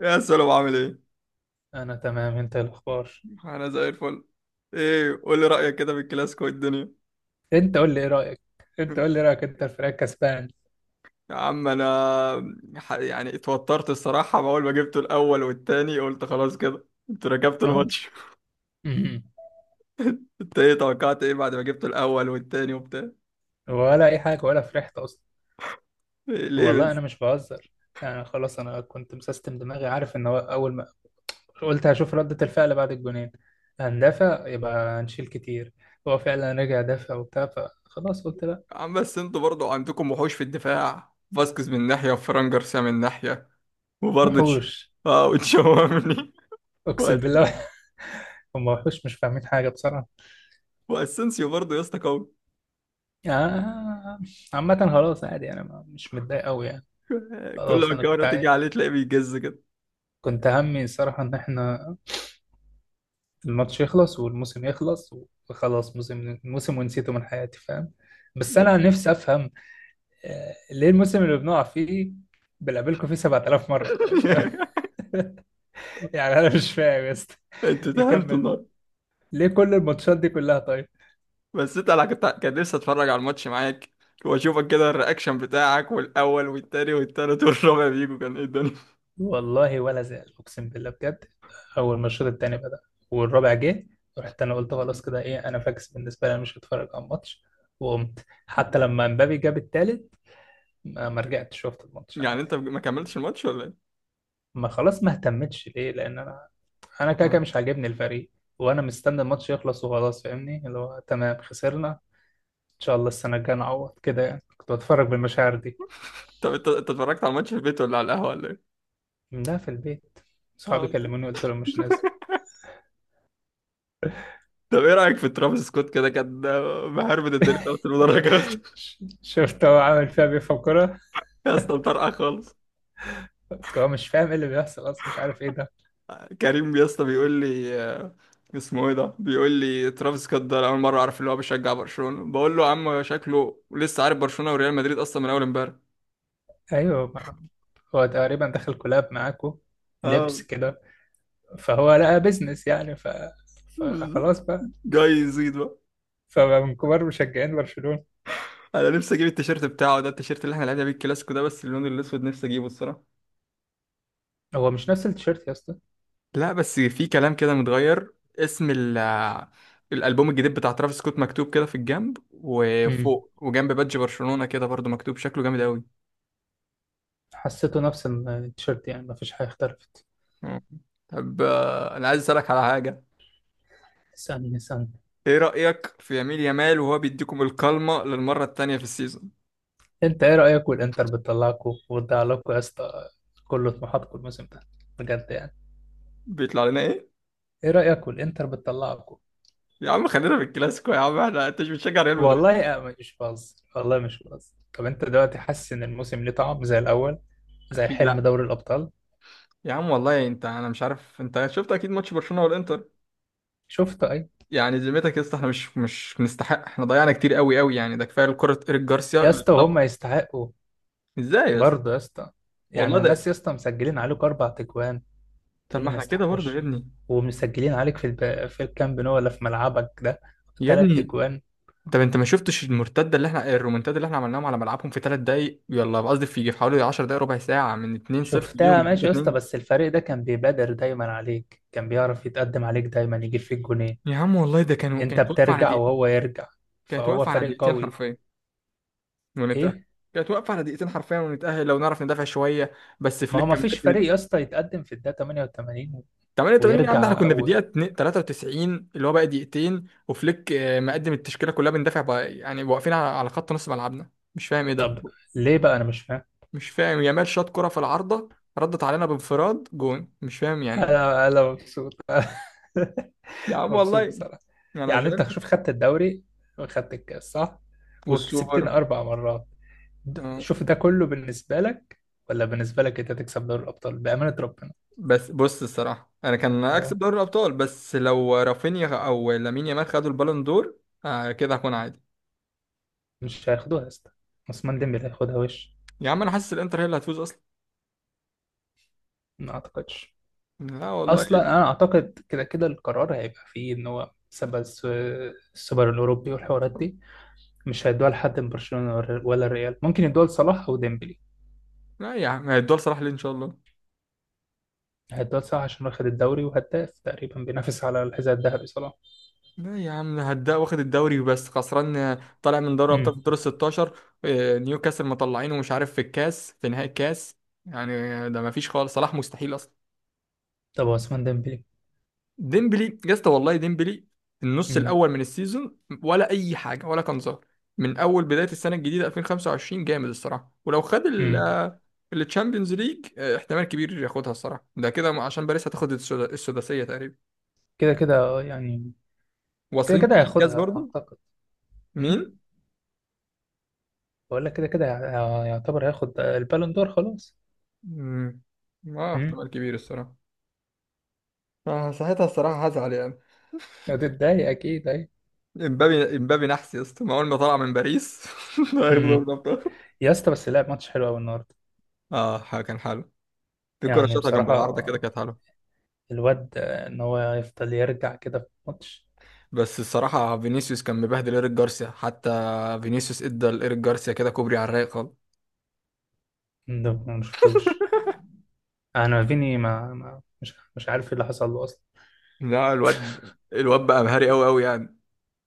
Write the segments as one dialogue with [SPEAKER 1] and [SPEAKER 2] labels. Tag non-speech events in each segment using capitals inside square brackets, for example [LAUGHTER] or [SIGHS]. [SPEAKER 1] يا سلام، عامل ايه؟
[SPEAKER 2] انا تمام، انت إيه الاخبار؟
[SPEAKER 1] انا زي الفل. ايه، قول لي رأيك كده في الكلاسيكو والدنيا.
[SPEAKER 2] انت قول لي ايه رايك. انت قول لي
[SPEAKER 1] [LAUGHS]
[SPEAKER 2] رايك انت، الفريق كسبان.
[SPEAKER 1] يا عم انا، يعني اتوترت الصراحة. اول ما جبته الاول والتاني قلت خلاص كده. انت ركبت
[SPEAKER 2] اه.
[SPEAKER 1] الماتش؟
[SPEAKER 2] [LAUGHS] أمم.
[SPEAKER 1] [LAUGHS] انت ايه، توقعت ايه بعد ما جبت الاول والتاني وبتاع؟
[SPEAKER 2] ولا اي حاجه، ولا فرحت اصلا.
[SPEAKER 1] إيه ليه
[SPEAKER 2] والله انا
[SPEAKER 1] بس؟
[SPEAKER 2] مش بهزر. يعني خلاص انا كنت مسستم دماغي، عارف ان هو اول ما قلت هشوف رده الفعل بعد الجونين، هندافع يبقى هنشيل كتير. هو فعلا رجع دافع وبتاع، فخلاص قلت لا.
[SPEAKER 1] يا عم، بس انتوا برضو عندكم وحوش في الدفاع. فاسكيز من ناحية وفران جارسيا من ناحية، وبرضو
[SPEAKER 2] وحوش.
[SPEAKER 1] اه، وتشاوميني. [LAUGHS]
[SPEAKER 2] اقسم
[SPEAKER 1] وأس-
[SPEAKER 2] بالله. [LAUGHS] هم وحوش مش فاهمين حاجه بصراحه.
[SPEAKER 1] واسensيو برضو يا اسطى، قوي.
[SPEAKER 2] آه. عامة خلاص عادي، أنا مش متضايق أوي يعني.
[SPEAKER 1] كل
[SPEAKER 2] خلاص
[SPEAKER 1] ما
[SPEAKER 2] أنا كنت،
[SPEAKER 1] الكاميرا تيجي عليه تلاقيه بيجز كده.
[SPEAKER 2] كنت همي الصراحة إن إحنا الماتش يخلص والموسم يخلص، وخلاص، موسم موسم ونسيته من حياتي، فاهم. بس أنا نفسي أفهم ليه الموسم اللي بنقع فيه بنقابلكم فيه 7000 مرة؟ طيب. [LAUGHS] يعني أنا مش فاهم، بس
[SPEAKER 1] انت تهنت
[SPEAKER 2] يكمل.
[SPEAKER 1] النهارده.
[SPEAKER 2] ليه كل الماتشات دي كلها؟ طيب،
[SPEAKER 1] بس انا كان نفسي اتفرج على الماتش معاك، واشوفك كده، الرياكشن بتاعك والاول والتاني والتالت والرابع بيجوا كان ايه الدنيا.
[SPEAKER 2] والله ولا زال أقسم بالله بجد. أول ما الشوط التاني بدأ والرابع جه، رحت أنا قلت خلاص كده، إيه، أنا فاكس، بالنسبة لي أنا مش هتفرج على الماتش. وقمت حتى لما مبابي جاب التالت، ما رجعت شفت الماتش
[SPEAKER 1] يعني
[SPEAKER 2] عادي.
[SPEAKER 1] انت ما كملتش الماتش ولا ايه؟
[SPEAKER 2] ما خلاص ما اهتمتش، ليه؟ لان انا، انا كده كده
[SPEAKER 1] آه.
[SPEAKER 2] مش عاجبني الفريق. وانا مستني الماتش يخلص وخلاص، فاهمني، اللي هو تمام خسرنا، ان شاء الله السنه الجايه نعوض كده، يعني كنت بتفرج بالمشاعر دي.
[SPEAKER 1] طب انت اتفرجت على الماتش في البيت ولا على القهوه ولا ايه؟
[SPEAKER 2] لا، في البيت.
[SPEAKER 1] اه
[SPEAKER 2] صحابي
[SPEAKER 1] انت،
[SPEAKER 2] كلموني قلت لهم مش نازل.
[SPEAKER 1] طب ايه رايك في ترافيس سكوت؟ كده كان مهربد الدنيا في المدرجات.
[SPEAKER 2] [LAUGHS]
[SPEAKER 1] [LAUGHS]
[SPEAKER 2] شفت هو عامل فيها بيفهم كرة.
[SPEAKER 1] يا اسطى، مطرقع خالص.
[SPEAKER 2] هو مش فاهم ايه اللي بيحصل اصلا، مش عارف ايه ده.
[SPEAKER 1] كريم يا اسطى بيقول لي، اسمه ايه ده، بيقول لي ترافيس سكوت ده. أنا اول مره اعرف اللي هو بيشجع برشلونه، بقول له يا عم شكله لسه عارف برشلونه وريال مدريد اصلا من اول امبارح.
[SPEAKER 2] ايوه، هو تقريبا دخل كولاب معاكو،
[SPEAKER 1] اه،
[SPEAKER 2] لبس كده، فهو لقى بيزنس يعني فخلاص بقى.
[SPEAKER 1] جاي يزيد بقى.
[SPEAKER 2] فمن كبار مشجعين برشلونة.
[SPEAKER 1] انا نفسي اجيب التيشيرت بتاعه ده، التيشيرت اللي احنا لعبنا بيه الكلاسيكو ده، بس اللون الاسود نفسي اجيبه الصراحه.
[SPEAKER 2] هو مش نفس التيشيرت يا اسطى.
[SPEAKER 1] لا بس في كلام كده متغير. اسم الالبوم الجديد بتاع ترافيس سكوت مكتوب كده في الجنب
[SPEAKER 2] امم.
[SPEAKER 1] وفوق وجنب بادج برشلونه كده، برضو مكتوب. شكله جامد قوي.
[SPEAKER 2] حسيته نفس التيشيرت، يعني مفيش حاجة اختلفت.
[SPEAKER 1] مم. طب، انا عايز اسالك على حاجه.
[SPEAKER 2] اسألني اسألني.
[SPEAKER 1] ايه رأيك في يميل يمال وهو بيديكم الكلمة للمرة التانية في السيزون؟
[SPEAKER 2] انت ايه رأيك والانتر بتطلعكوا وتضيع لكم يا اسطى كل طموحاتكم الموسم ده؟ بجد يعني.
[SPEAKER 1] بيطلع لنا ايه؟
[SPEAKER 2] ايه رأيك والانتر بتطلعكوا؟
[SPEAKER 1] يا عم خلينا في الكلاسيكو يا عم، احنا، انت مش بتشجع ريال مدريد؟
[SPEAKER 2] والله أنا مش بهزر، والله مش بهزر. طب انت دلوقتي حاسس ان الموسم ليه طعم زي الاول، زي
[SPEAKER 1] اكيد
[SPEAKER 2] حلم
[SPEAKER 1] لا.
[SPEAKER 2] دوري الابطال؟
[SPEAKER 1] يا عم والله انا مش عارف، انت شفت اكيد ماتش برشلونة والانتر.
[SPEAKER 2] شفته، اي.
[SPEAKER 1] يعني ذمتك يا اسطى، احنا مش نستحق، احنا ضيعنا كتير قوي قوي يعني. ده كفايه كرة ايريك جارسيا
[SPEAKER 2] يا
[SPEAKER 1] اللي
[SPEAKER 2] اسطى وهم
[SPEAKER 1] طب...
[SPEAKER 2] يستحقوا
[SPEAKER 1] ازاي بس؟
[SPEAKER 2] برضه يا اسطى.
[SPEAKER 1] والله
[SPEAKER 2] يعني الناس
[SPEAKER 1] ده.
[SPEAKER 2] يا اسطى مسجلين عليكوا 4 تجوان
[SPEAKER 1] طب
[SPEAKER 2] تقول لي
[SPEAKER 1] ما
[SPEAKER 2] ما
[SPEAKER 1] احنا كده برضه يا
[SPEAKER 2] يستحقوش؟
[SPEAKER 1] ابني.
[SPEAKER 2] ومسجلين عليك في في الكامب نو، ولا في ملعبك ده
[SPEAKER 1] يا
[SPEAKER 2] تلات
[SPEAKER 1] ابني.
[SPEAKER 2] اجوان
[SPEAKER 1] طب انت ما شفتش المرتده اللي احنا، الرومنتاد اللي احنا عملناهم على ملعبهم في 3 دقايق؟ يلا قصدي في حوالي 10 دقايق، ربع ساعه، من 2-0 ليهم
[SPEAKER 2] شفتها
[SPEAKER 1] ل
[SPEAKER 2] ماشي يا اسطى،
[SPEAKER 1] 3.
[SPEAKER 2] بس الفريق ده كان بيبادر دايما عليك، كان بيعرف يتقدم عليك دايما، يجيب فيك جونين،
[SPEAKER 1] يا عم والله ده كانوا
[SPEAKER 2] انت
[SPEAKER 1] كانت واقفة على
[SPEAKER 2] بترجع
[SPEAKER 1] دقيقتين.
[SPEAKER 2] وهو يرجع،
[SPEAKER 1] كانت
[SPEAKER 2] فهو
[SPEAKER 1] واقفة على
[SPEAKER 2] فريق
[SPEAKER 1] دقيقتين
[SPEAKER 2] قوي.
[SPEAKER 1] حرفيا ونتأهل.
[SPEAKER 2] ايه،
[SPEAKER 1] كانت واقفة على دقيقتين حرفيا ونتأهل لو نعرف ندافع شوية. بس
[SPEAKER 2] ما
[SPEAKER 1] فليك
[SPEAKER 2] هو ما
[SPEAKER 1] كان
[SPEAKER 2] فيش فريق
[SPEAKER 1] مقدم.
[SPEAKER 2] يا اسطى يتقدم في الدقيقة 88
[SPEAKER 1] 88 يا عم، ده احنا
[SPEAKER 2] ويرجع
[SPEAKER 1] كنا في دقيقة 2 93 اللي هو بقى دقيقتين. وفليك مقدم التشكيلة كلها، بندافع بقى يعني، واقفين على خط نص ملعبنا. مش فاهم ايه ده.
[SPEAKER 2] طب ليه بقى؟ انا مش فاهم.
[SPEAKER 1] مش فاهم، يامال شاط كرة في العارضة. ردت علينا بانفراد جون. مش فاهم يعني.
[SPEAKER 2] انا انا مبسوط.
[SPEAKER 1] يا
[SPEAKER 2] [LAUGHS]
[SPEAKER 1] عم
[SPEAKER 2] مبسوط
[SPEAKER 1] والله،
[SPEAKER 2] بصراحة.
[SPEAKER 1] انا
[SPEAKER 2] يعني انت
[SPEAKER 1] زعلت.
[SPEAKER 2] شوف، خدت الدوري وخدت الكاس صح،
[SPEAKER 1] والسوبر.
[SPEAKER 2] وكسبتنا 4 مرات،
[SPEAKER 1] آه.
[SPEAKER 2] شوف ده كله بالنسبة لك ولا بالنسبة لك انت تكسب دوري الابطال؟ بأمانة ربنا.
[SPEAKER 1] بس بص الصراحة، أنا كان أكسب
[SPEAKER 2] اه.
[SPEAKER 1] دوري الأبطال بس لو رافينيا أو لامين يامال خدوا البالون دور. آه كده هكون عادي.
[SPEAKER 2] مش هياخدوها يا اسطى، عثمان ديمبلي هياخدها وش.
[SPEAKER 1] يا عم أنا حاسس الإنتر هي اللي هتفوز أصلا.
[SPEAKER 2] ما اعتقدش.
[SPEAKER 1] لا والله.
[SPEAKER 2] اصلا انا اعتقد كده كده القرار هيبقى فيه ان هو سبب السوبر الاوروبي والحوارات دي، مش هيدوها لحد من برشلونة ولا ولا الريال، ممكن يدوها لصلاح او ديمبلي.
[SPEAKER 1] لا يا عم، هيدوها لصلاح ليه؟ إن شاء الله.
[SPEAKER 2] هيدوها لصلاح عشان واخد الدوري وهداف تقريبا بينافس على الحذاء الذهبي صلاح.
[SPEAKER 1] لا يا عم، هدا واخد الدوري بس خسران. طالع من دوري
[SPEAKER 2] امم.
[SPEAKER 1] الأبطال في الدور ال 16. نيوكاسل مطلعينه، مش عارف في الكاس في نهائي الكاس. يعني ده مفيش خالص، صلاح مستحيل أصلا.
[SPEAKER 2] طب عثمان ديمبلي.
[SPEAKER 1] ديمبلي يا اسطى، والله ديمبلي. النص
[SPEAKER 2] امم.
[SPEAKER 1] الاول من السيزون. ولا اي حاجه، ولا كان ظاهر. من اول بدايه السنه الجديده 2025 جامد الصراحه. ولو خد
[SPEAKER 2] امم.
[SPEAKER 1] التشامبيونز ليج احتمال كبير ياخدها الصراحه، ده كده عشان باريس هتاخد السداسيه تقريبا.
[SPEAKER 2] كده كده يعني. كده
[SPEAKER 1] واصلين
[SPEAKER 2] كده
[SPEAKER 1] نهائي الكاس
[SPEAKER 2] هياخدها
[SPEAKER 1] برضو.
[SPEAKER 2] اعتقد.
[SPEAKER 1] مين؟
[SPEAKER 2] امم. بقول لك كده كده يعتبر هياخد البالون دور خلاص.
[SPEAKER 1] مم. اه،
[SPEAKER 2] امم.
[SPEAKER 1] احتمال كبير الصراحه. آه ساعتها الصراحه هزعل يعني.
[SPEAKER 2] هتتضايق اكيد، اي.
[SPEAKER 1] امبابي امبابي نحس يا اسطى، ما اول ما طلع من باريس [LAUGHS] هياخد دوري
[SPEAKER 2] امم.
[SPEAKER 1] الابطال.
[SPEAKER 2] يا اسطى بس لعب ماتش حلو قوي النهارده.
[SPEAKER 1] اه كان حلو. في كره
[SPEAKER 2] يعني
[SPEAKER 1] شاطها جنب
[SPEAKER 2] بصراحه
[SPEAKER 1] العارضه كده كانت حلوه.
[SPEAKER 2] الواد ان هو يفضل يرجع كده في الماتش.
[SPEAKER 1] بس الصراحة فينيسيوس كان مبهدل إيريك جارسيا حتى. فينيسيوس ادى لإيريك جارسيا كده كوبري على الرايق خالص.
[SPEAKER 2] ده ما شفتوش. انا فيني ما مش عارف ايه اللي حصل له اصلا.
[SPEAKER 1] لا الواد بقى مهاري أوي أوي يعني.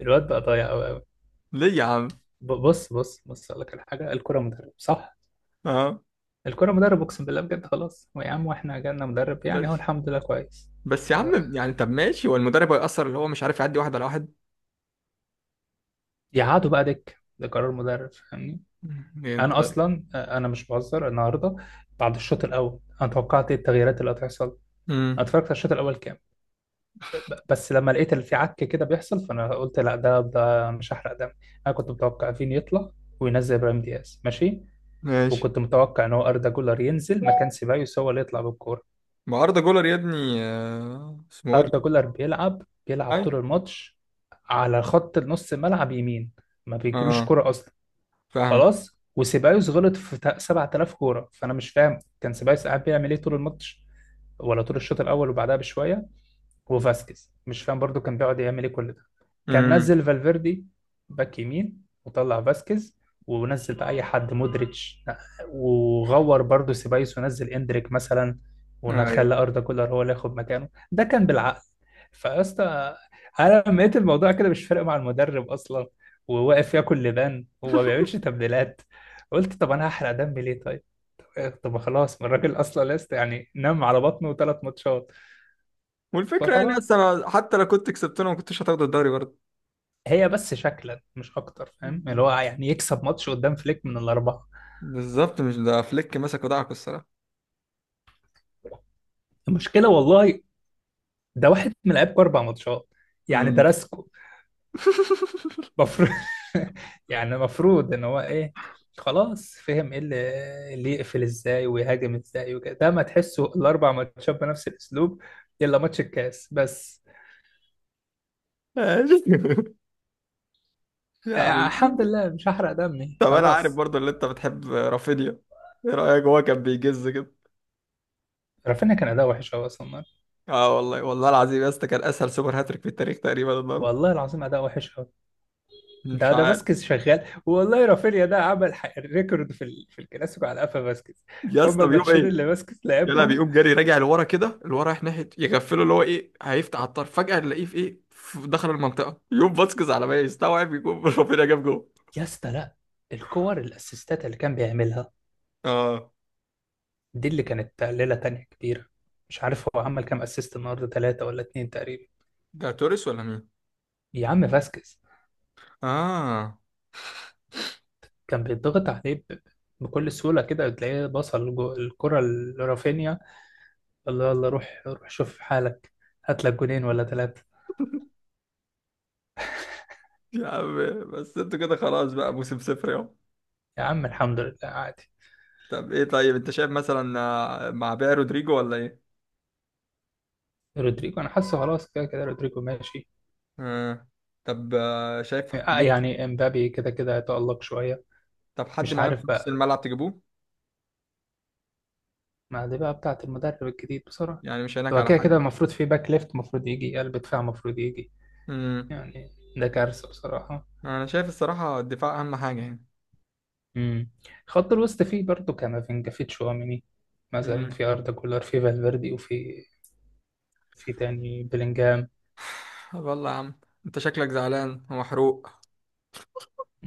[SPEAKER 2] الواد بقى ضايع قوي قوي.
[SPEAKER 1] ليه يا عم؟
[SPEAKER 2] بص بص بص، اقول لك على حاجه، الكره مدرب صح.
[SPEAKER 1] اه.
[SPEAKER 2] الكرة مدرب، اقسم بالله بجد. خلاص هو يا عم، واحنا جالنا مدرب يعني،
[SPEAKER 1] بس
[SPEAKER 2] هو الحمد لله كويس.
[SPEAKER 1] بس يا عم، يعني طب ماشي، هو المدرب هيأثر؟ اللي هو مش عارف يعدي واحد على واحد.
[SPEAKER 2] فيقعدوا بقى دك، ده قرار مدرب، فاهمني.
[SPEAKER 1] يعني انت.
[SPEAKER 2] انا اصلا انا مش بهزر النهارده. بعد الشوط الاول انا توقعت ايه التغييرات اللي هتحصل. انا
[SPEAKER 1] امم.
[SPEAKER 2] اتفرجت على الشوط الاول كام، بس لما لقيت اللي في عك كده بيحصل، فانا قلت لا ده مش هحرق دم. انا كنت متوقع فين يطلع وينزل ابراهيم دياز، ماشي.
[SPEAKER 1] ماشي.
[SPEAKER 2] وكنت متوقع ان هو اردا جولر ينزل مكان سيبايوس، هو اللي يطلع بالكوره.
[SPEAKER 1] ما أردا جولر يا ابني، اسمه ايه ده؟
[SPEAKER 2] أردا جولر بيلعب، بيلعب
[SPEAKER 1] اي.
[SPEAKER 2] طول الماتش على خط نص الملعب يمين، ما بيجيلوش
[SPEAKER 1] اه،
[SPEAKER 2] كرة أصلا.
[SPEAKER 1] فاهمك.
[SPEAKER 2] خلاص. وسيبايوس غلط في 7000 كورة، فأنا مش فاهم كان سيبايوس قاعد بيعمل إيه طول الماتش، ولا طول الشوط الأول وبعدها بشوية. وفاسكيز مش فاهم برضو كان بيقعد يعمل ايه كل ده. كان
[SPEAKER 1] امم.
[SPEAKER 2] نزل فالفيردي باك يمين وطلع فاسكيز، ونزل بقى اي حد، مودريتش، وغور برضو سيبايوس ونزل اندريك مثلا،
[SPEAKER 1] ايوه.
[SPEAKER 2] ونخلى اردا كولر هو اللي ياخد مكانه، ده كان بالعقل. فيا اسطى انا لما لقيت الموضوع كده مش فارق مع المدرب اصلا، وواقف ياكل لبان وما بيعملش تبديلات، قلت طب انا هحرق دمي ليه طيب؟ طب خلاص، ما الراجل اصلا لسه يعني نام على بطنه 3 ماتشات،
[SPEAKER 1] والفكرة يعني
[SPEAKER 2] فخلاص.
[SPEAKER 1] أصلا حتى لو كنت كسبتنا ما كنتش هتاخد الدوري برضه.
[SPEAKER 2] هي بس شكلا مش اكتر، فاهم، اللي هو يعني يكسب ماتش قدام فليك من الاربعه.
[SPEAKER 1] بالظبط، مش ده فليك مسك ودعك الصراحة.
[SPEAKER 2] المشكله والله ده واحد من لعيبكوا 4 ماتشات، يعني
[SPEAKER 1] مم.
[SPEAKER 2] درسكوا المفروض. [LAUGHS] يعني المفروض ان هو ايه؟ خلاص فهم ايه اللي يقفل ازاي ويهاجم ازاي وكده، ده ما تحسوا الـ4 ماتشات بنفس الاسلوب الا ماتش الكاس بس.
[SPEAKER 1] ماشي. [LAUGHS] يا عم.
[SPEAKER 2] الحمد لله مش هحرق دمي
[SPEAKER 1] طب انا عارف
[SPEAKER 2] خلاص.
[SPEAKER 1] برضو اللي انت بتحب، رافينيا. ايه رايك، هو كان بيجز كده؟
[SPEAKER 2] رافينيا كان اداء وحش قوي اصلا النهاردة.
[SPEAKER 1] اه والله، والله العظيم يا اسطى، كان اسهل سوبر هاتريك في التاريخ تقريبا النهارده.
[SPEAKER 2] والله العظيم اداء وحش قوي.
[SPEAKER 1] مش
[SPEAKER 2] ده ده
[SPEAKER 1] عارف.
[SPEAKER 2] فاسكيز شغال، والله رافينيا ده عمل ريكورد في في الكلاسيكو على قفا فاسكيز،
[SPEAKER 1] يا
[SPEAKER 2] هما
[SPEAKER 1] اسطى بيقوم
[SPEAKER 2] الماتشين
[SPEAKER 1] ايه؟
[SPEAKER 2] اللي فاسكيز
[SPEAKER 1] يلا
[SPEAKER 2] لعبهم.
[SPEAKER 1] بيقوم جري راجع لورا كده، لورا رايح ناحيه يغفله اللي هو ايه، هيفتح على الطرف. فجاه نلاقيه في ايه، في دخل المنطقه. يقوم فاسكيز على ما يستوعب يكون [LAUGHS] رافينيا جاب جول.
[SPEAKER 2] يا اسطى لا، الكور الاسيستات اللي كان بيعملها
[SPEAKER 1] اه،
[SPEAKER 2] دي اللي كانت ليله تانية كبيره. مش عارف هو عمل كام اسيست النهارده، ثلاثه ولا اتنين تقريبا.
[SPEAKER 1] ده توريس ولا مين؟
[SPEAKER 2] يا عم فاسكيز
[SPEAKER 1] اه.
[SPEAKER 2] كان بيتضغط عليه بكل سهوله كده تلاقيه بصل الكره لرافينيا. الله الله، روح روح شوف حالك، هات لك جونين ولا ثلاثه.
[SPEAKER 1] يا عم، بس انتوا كده خلاص، بقى موسم صفر يا...
[SPEAKER 2] يا عم الحمد لله عادي.
[SPEAKER 1] طب ايه، طيب انت شايف مثلا، مع بيع رودريجو ولا ايه؟
[SPEAKER 2] رودريجو انا حاسه خلاص كده كده رودريجو ماشي.
[SPEAKER 1] آه. طب شايف تجيبه.
[SPEAKER 2] يعني امبابي كده كده هيتألق شوية.
[SPEAKER 1] طب حد
[SPEAKER 2] مش
[SPEAKER 1] معين في
[SPEAKER 2] عارف
[SPEAKER 1] نص
[SPEAKER 2] بقى،
[SPEAKER 1] الملعب تجيبوه؟
[SPEAKER 2] ما دي بقى بتاعة المدرب الجديد بصراحة.
[SPEAKER 1] يعني مش هناك
[SPEAKER 2] هو
[SPEAKER 1] على
[SPEAKER 2] كده كده
[SPEAKER 1] حد.
[SPEAKER 2] المفروض في باك ليفت، المفروض يجي قلب دفاع، المفروض يجي
[SPEAKER 1] امم.
[SPEAKER 2] يعني، ده كارثة بصراحة.
[SPEAKER 1] انا شايف الصراحة الدفاع اهم حاجة يعني.
[SPEAKER 2] امم. خط الوسط فيه برضه كامافينجا، فيه تشواميني مثلا،
[SPEAKER 1] امم.
[SPEAKER 2] في أردا كولر، في فالفيردي، وفي، في تاني بلينجهام.
[SPEAKER 1] [SIGHS] طب يلا يا عم. انت شكلك زعلان ومحروق.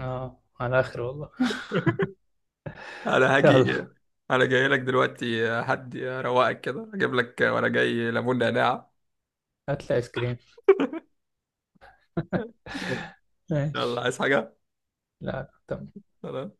[SPEAKER 2] اه، على آخر والله.
[SPEAKER 1] [LAUGHS] انا
[SPEAKER 2] [LAUGHS] يلا
[SPEAKER 1] هاجي. انا جاي لك دلوقتي. حد روقك كده اجيب لك. وانا جاي ليمون نعناع.
[SPEAKER 2] هات لي آيس كريم.
[SPEAKER 1] [LAUGHS]
[SPEAKER 2] [LAUGHS]
[SPEAKER 1] يلا،
[SPEAKER 2] ماشي.
[SPEAKER 1] عايز حاجة؟
[SPEAKER 2] لا لا، تمام.
[SPEAKER 1] سلام.